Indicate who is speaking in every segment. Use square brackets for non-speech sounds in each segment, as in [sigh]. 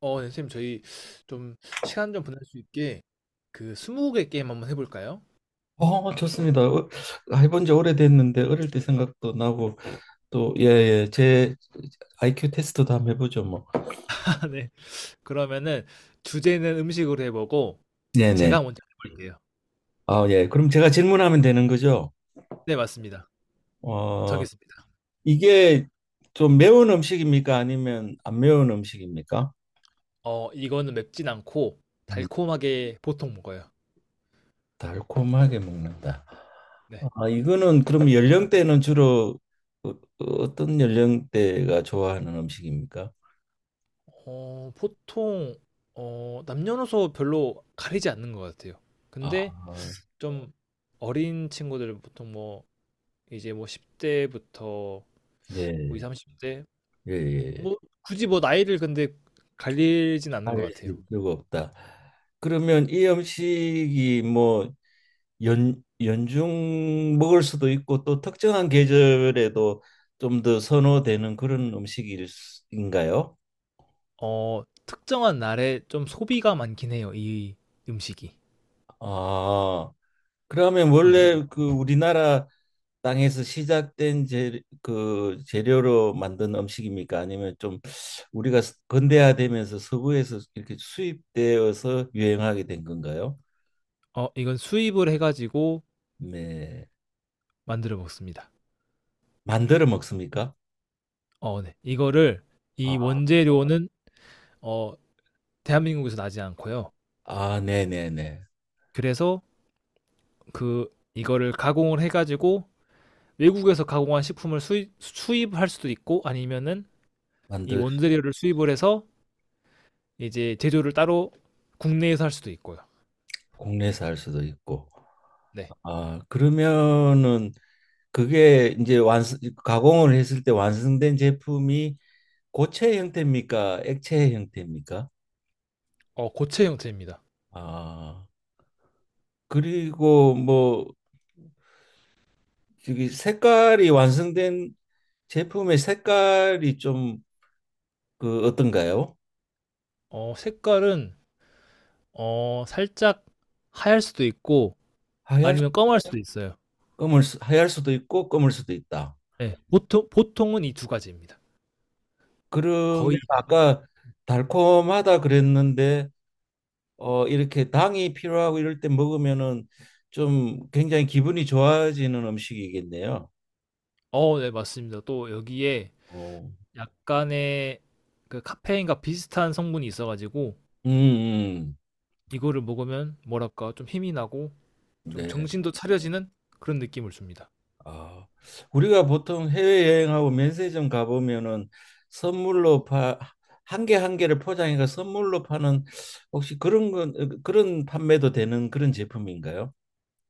Speaker 1: 네, 선생님, 저희 좀 시간 좀 보낼 수 있게 그 스무고개 게임 한번 해볼까요?
Speaker 2: 좋습니다. 해본 지 오래됐는데 어릴 때 생각도 나고 또 예, 예. 제 IQ 테스트도 한번 해보죠, 뭐.
Speaker 1: [laughs] 아, 네. 그러면은 주제는 음식으로 해보고
Speaker 2: 네네.
Speaker 1: 제가 먼저 해볼게요.
Speaker 2: 아, 예. 그럼 제가 질문하면 되는 거죠?
Speaker 1: 네, 맞습니다.
Speaker 2: 어,
Speaker 1: 정했습니다.
Speaker 2: 이게 좀 매운 음식입니까? 아니면 안 매운 음식입니까?
Speaker 1: 이거는 맵진 않고
Speaker 2: 음,
Speaker 1: 달콤하게 보통 먹어요.
Speaker 2: 달콤하게 먹는다.
Speaker 1: 네.
Speaker 2: 아, 이거는 그럼 연령대는 주로 어떤 연령대가 좋아하는 음식입니까?
Speaker 1: 보통 남녀노소 별로 가리지 않는 것 같아요.
Speaker 2: 아,
Speaker 1: 근데 좀 어린 친구들은 보통 뭐 이제 뭐 10대부터 뭐2십
Speaker 2: 네.
Speaker 1: 30대
Speaker 2: 예, 예.
Speaker 1: 뭐 굳이 뭐 나이를 근데 갈리진 않는 것
Speaker 2: 아닐
Speaker 1: 같아요.
Speaker 2: 수가 없다. 그러면 이 음식이 뭐 연중 먹을 수도 있고 또 특정한 계절에도 좀 더 선호되는 그런 음식인가요?
Speaker 1: 특정한 날에 좀 소비가 많긴 해요. 이 음식이.
Speaker 2: 아, 그러면
Speaker 1: 이
Speaker 2: 원래 그 우리나라 땅에서 시작된 그 재료로 만든 음식입니까? 아니면 좀 우리가 근대화되면서 서구에서 이렇게 수입되어서 유행하게 된 건가요?
Speaker 1: 이건 수입을 해가지고
Speaker 2: 네.
Speaker 1: 만들어 먹습니다.
Speaker 2: 만들어 먹습니까?
Speaker 1: 네. 이거를 이
Speaker 2: 아.
Speaker 1: 원재료는 어, 대한민국에서 나지 않고요.
Speaker 2: 아, 네네네.
Speaker 1: 그래서 그 이거를 가공을 해가지고 외국에서 가공한 식품을 수입할 수도 있고 아니면은 이
Speaker 2: 만들
Speaker 1: 원재료를 수입을 해서 이제 제조를 따로 국내에서 할 수도 있고요.
Speaker 2: 국내에서 할 수도 있고.
Speaker 1: 네.
Speaker 2: 아, 그러면은 그게 이제 완성 가공을 했을 때 완성된 제품이 고체 형태입니까? 액체 형태입니까?
Speaker 1: 고체 형태입니다.
Speaker 2: 아, 그리고 뭐 저기 색깔이 완성된 제품의 색깔이 좀 그 어떤가요?
Speaker 1: 색깔은 살짝 하얄 수도 있고
Speaker 2: 하얄
Speaker 1: 아니면 검할 수도 있어요.
Speaker 2: 하얄 수도 있고 검을 수도 있다.
Speaker 1: 네, 보통은 이 두 가지입니다.
Speaker 2: 그러면
Speaker 1: 거의.
Speaker 2: 아까 달콤하다 그랬는데 어 이렇게 당이 필요하고 이럴 때 먹으면은 좀 굉장히 기분이 좋아지는 음식이겠네요.
Speaker 1: 네, 맞습니다. 또 여기에
Speaker 2: 어,
Speaker 1: 약간의 그 카페인과 비슷한 성분이 있어가지고
Speaker 2: 음, 음.
Speaker 1: 이거를 먹으면 뭐랄까 좀 힘이 나고 좀
Speaker 2: 네.
Speaker 1: 정신도 차려지는 그런 느낌을 줍니다.
Speaker 2: 아, 우리가 보통 해외여행하고 면세점 가보면은 선물로 한 개 한 개를 포장해가 선물로 파는 혹시 그런 건 어, 그런 판매도 되는 그런 제품인가요?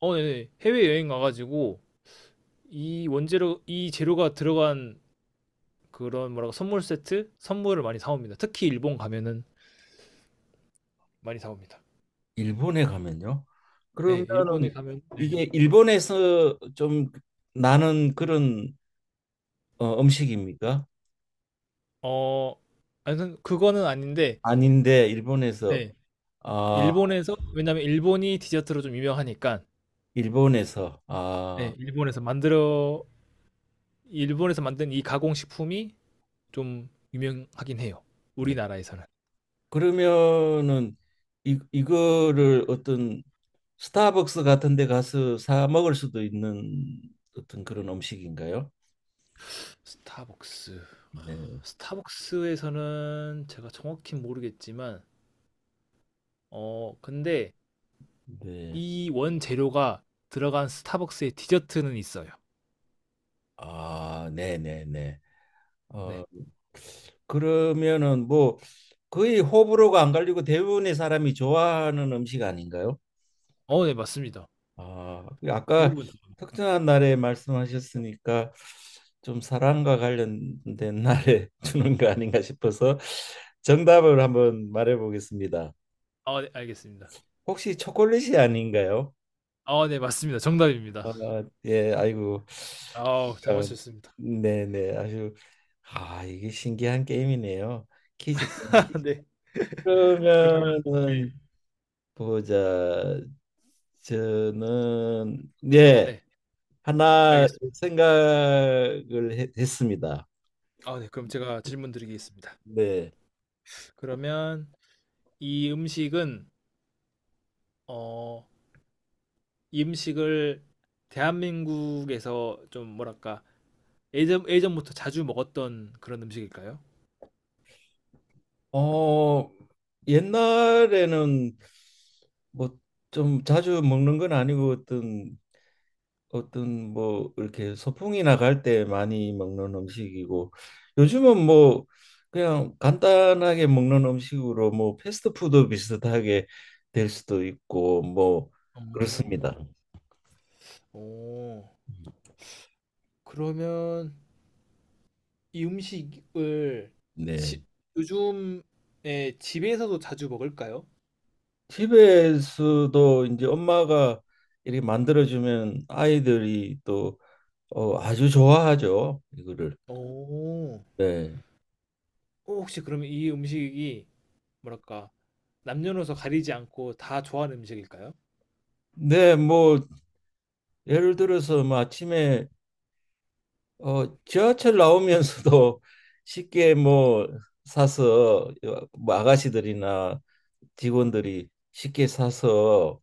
Speaker 1: 네, 해외 여행 가가지고 이 재료가 들어간 그런 뭐랄까 선물 세트 선물을 많이 사옵니다. 특히 일본 가면은 많이 사옵니다.
Speaker 2: 일본에 가면요?
Speaker 1: 네.
Speaker 2: 그러면은
Speaker 1: 일본에 가면 네.
Speaker 2: 이게 일본에서 좀 나는 그런 음식입니까?
Speaker 1: 어, 아무튼 그거는 아닌데
Speaker 2: 아닌데 일본에서
Speaker 1: 네.
Speaker 2: 아
Speaker 1: 일본에서 왜냐면 일본이 디저트로 좀 유명하니까
Speaker 2: 일본에서 아
Speaker 1: 네. 일본에서 만든 이 가공식품이 좀 유명하긴 해요.
Speaker 2: 네.
Speaker 1: 우리나라에서는.
Speaker 2: 그러면은 이 이거를 어떤 스타벅스 같은 데 가서 사 먹을 수도 있는 어떤 그런 음식인가요?
Speaker 1: 스타벅스.
Speaker 2: 네.
Speaker 1: 스타벅스에서는 제가 정확히 모르겠지만 근데
Speaker 2: 네.
Speaker 1: 이 원재료가 들어간 스타벅스의 디저트는 있어요.
Speaker 2: 아, 네, 네, 네. 어
Speaker 1: 네.
Speaker 2: 그러면은 뭐 거의 호불호가 안 갈리고 대부분의 사람이 좋아하는 음식 아닌가요?
Speaker 1: 네, 맞습니다.
Speaker 2: 아, 그 아까
Speaker 1: 대부분. 좀-
Speaker 2: 특정한 날에 말씀하셨으니까 좀 사랑과 관련된 날에 [laughs] 주는 거 아닌가 싶어서 정답을 한번 말해 보겠습니다.
Speaker 1: 아, 네, 알겠습니다.
Speaker 2: 혹시 초콜릿이 아닌가요?
Speaker 1: 아, 네, 맞습니다. 정답입니다.
Speaker 2: 아, 예, 아이고.
Speaker 1: 아우 잘
Speaker 2: 그러니까,
Speaker 1: 맞추셨습니다.
Speaker 2: 네네, 아주 아, 이게 신기한 게임이네요. 퀴즈
Speaker 1: [laughs]
Speaker 2: 게임.
Speaker 1: 네. 그러면 네.
Speaker 2: 그러면은 보자. 저는 예.
Speaker 1: 네.
Speaker 2: 하나
Speaker 1: 알겠습니다.
Speaker 2: 했습니다.
Speaker 1: 아, 네. 그럼 제가 질문 드리겠습니다.
Speaker 2: 네.
Speaker 1: 그러면 이 음식은 어, 이 음식을 대한민국에서 좀 뭐랄까? 예전부터 자주 먹었던 그런 음식일까요?
Speaker 2: 어, 옛날에는 뭐 좀 자주 먹는 건 아니고 어떤 뭐 이렇게 소풍이 나갈 때 많이 먹는 음식이고 요즘은 뭐 그냥 간단하게 먹는 음식으로 뭐 패스트푸드 비슷하게 될 수도 있고 뭐 그렇습니다.
Speaker 1: 오. 오. 그러면 이 음식을
Speaker 2: 네.
Speaker 1: 집 요즘에 집에서도 자주 먹을까요?
Speaker 2: 집에서도 이제 엄마가 이렇게 만들어주면 아이들이 또 아주 좋아하죠. 이거를.
Speaker 1: 오.
Speaker 2: 네.
Speaker 1: 혹시 그러면 이 음식이 뭐랄까 남녀노소 가리지 않고 다 좋아하는 음식일까요?
Speaker 2: 네, 뭐 예를 들어서 뭐 아침에 지하철 나오면서도 [laughs] 쉽게 뭐 사서 뭐 아가씨들이나 직원들이 쉽게 사서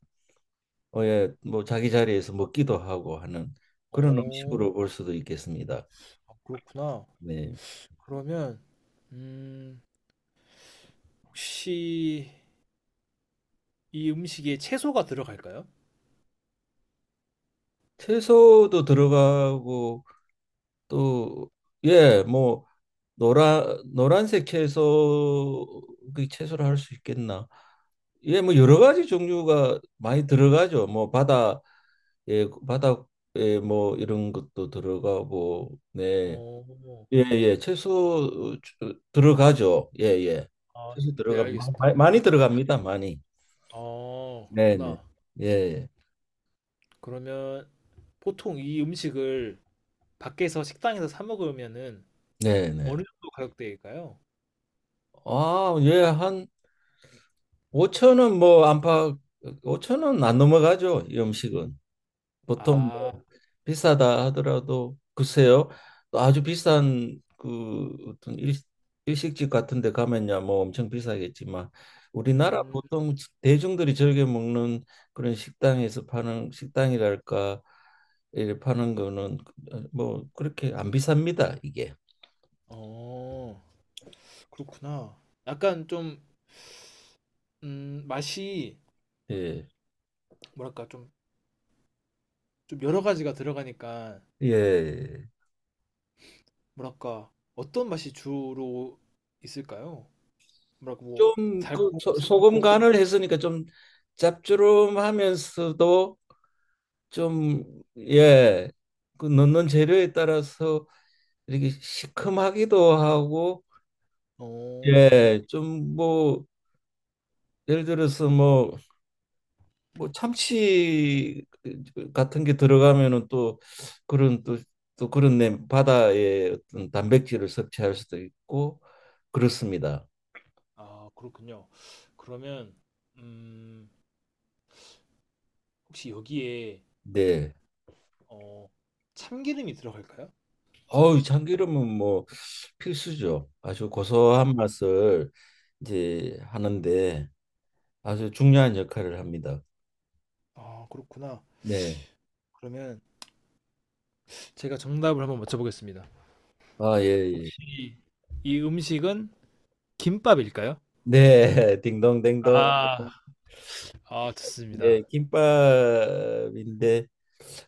Speaker 2: 어, 예, 뭐 자기 자리에서 먹기도 하고 하는 그런
Speaker 1: 어,
Speaker 2: 음식으로 볼 수도 있겠습니다.
Speaker 1: 아, 그렇구나.
Speaker 2: 네.
Speaker 1: 그러면 음, 혹시 이 음식에 채소가 들어갈까요?
Speaker 2: 채소도 들어가고 또 예, 뭐 노란색 채소 그 채소를 할 수 있겠나? 예, 뭐 여러 가지 종류가 많이 들어가죠. 뭐 바다 예, 바다에 뭐 이런 것도 들어가고 네.
Speaker 1: 어,
Speaker 2: 예, 예. 들어가죠. 예, 예.
Speaker 1: 아, 네, 알겠습니다.
Speaker 2: 많이, 많이 들어갑니다. 많이. 네, 네.
Speaker 1: 그렇구나.
Speaker 2: 예, 예.
Speaker 1: 그러면 보통 이 음식을 밖에서 식당에서 사 먹으면은
Speaker 2: 네, 네.
Speaker 1: 어느 정도 가격대일까요?
Speaker 2: 아, 예, 한 오천원뭐 안팎 오천원안 넘어가죠. 이 음식은 보통
Speaker 1: 아,
Speaker 2: 뭐 비싸다 하더라도 글쎄요. 또 아주 비싼 그 어떤 일식집 같은 데 가면야 뭐 엄청 비싸겠지만 우리나라
Speaker 1: 음,
Speaker 2: 보통 대중들이 즐겨 먹는 그런 식당에서 파는 식당이랄까 이 파는 거는 어, 뭐 그렇게 안 비쌉니다. 이게.
Speaker 1: 어, 그렇구나. 약간 좀, 맛이
Speaker 2: 예.
Speaker 1: 뭐랄까 좀 여러 가지가 들어가니까
Speaker 2: 예.
Speaker 1: 뭐랄까 어떤 맛이 주로 있을까요? 뭐랄까 뭐
Speaker 2: 좀 그
Speaker 1: 달콤,
Speaker 2: 소금
Speaker 1: 새콤풍?
Speaker 2: 간을 했으니까 좀 짭조름하면서도 좀 예, 그 넣는 재료에 따라서 이렇게 시큼하기도 하고
Speaker 1: 어,
Speaker 2: 예, 좀 뭐 예를 들어서 뭐 뭐 참치 같은 게 들어가면은 또 그런 또 또 그런 내 바다의 어떤 단백질을 섭취할 수도 있고 그렇습니다.
Speaker 1: 아 그렇군요. 그러면 음, 혹시 여기에
Speaker 2: 네.
Speaker 1: 어, 참기름이 들어갈까요?
Speaker 2: 어우, 참기름은 뭐 필수죠. 아주
Speaker 1: 아,
Speaker 2: 고소한 맛을 이제 하는데 아주 중요한 역할을 합니다.
Speaker 1: 아 그렇구나.
Speaker 2: 네.
Speaker 1: 그러면 제가 정답을 한번 맞춰보겠습니다.
Speaker 2: 아, 예, 예.
Speaker 1: 혹시 이 음식은 김밥일까요?
Speaker 2: 네, [laughs] 딩동댕동.
Speaker 1: 아, 아 좋습니다.
Speaker 2: 네, 김밥인데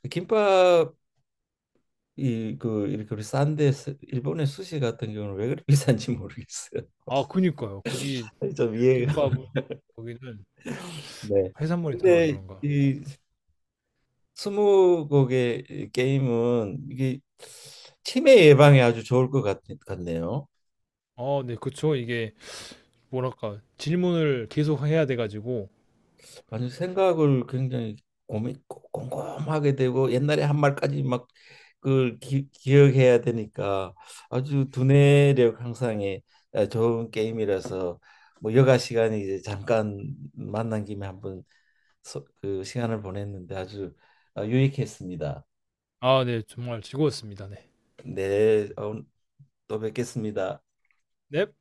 Speaker 2: 김밥이 그 이렇게 우리 싼데 일본의 수시 같은 경우는 왜 그렇게 비싼지 모르겠어요.
Speaker 1: 아 그니까요. 거기
Speaker 2: [laughs] 좀 이해가.
Speaker 1: 김밥은 거기는
Speaker 2: 네.
Speaker 1: 해산물이 들어가서
Speaker 2: 근데
Speaker 1: 그런가.
Speaker 2: 이 스무 곡의 게임은 이게 치매 예방에 아주 좋을 것 같네요.
Speaker 1: 네, 그쵸. 이게 뭐랄까 질문을 계속 해야 돼가지고
Speaker 2: 아주 생각을 굉장히 고민 꼼꼼하게 되고 옛날에 한 말까지 막 그걸 기억해야 되니까 아주 두뇌력 향상에 아, 좋은 게임이라서 뭐 여가 시간이 이제 잠깐 만난 김에 한번 그 시간을 보냈는데 아주 유익했습니다.
Speaker 1: 아, 네, 정말 즐거웠습니다. 네.
Speaker 2: 네, 어, 또 뵙겠습니다.
Speaker 1: 넵.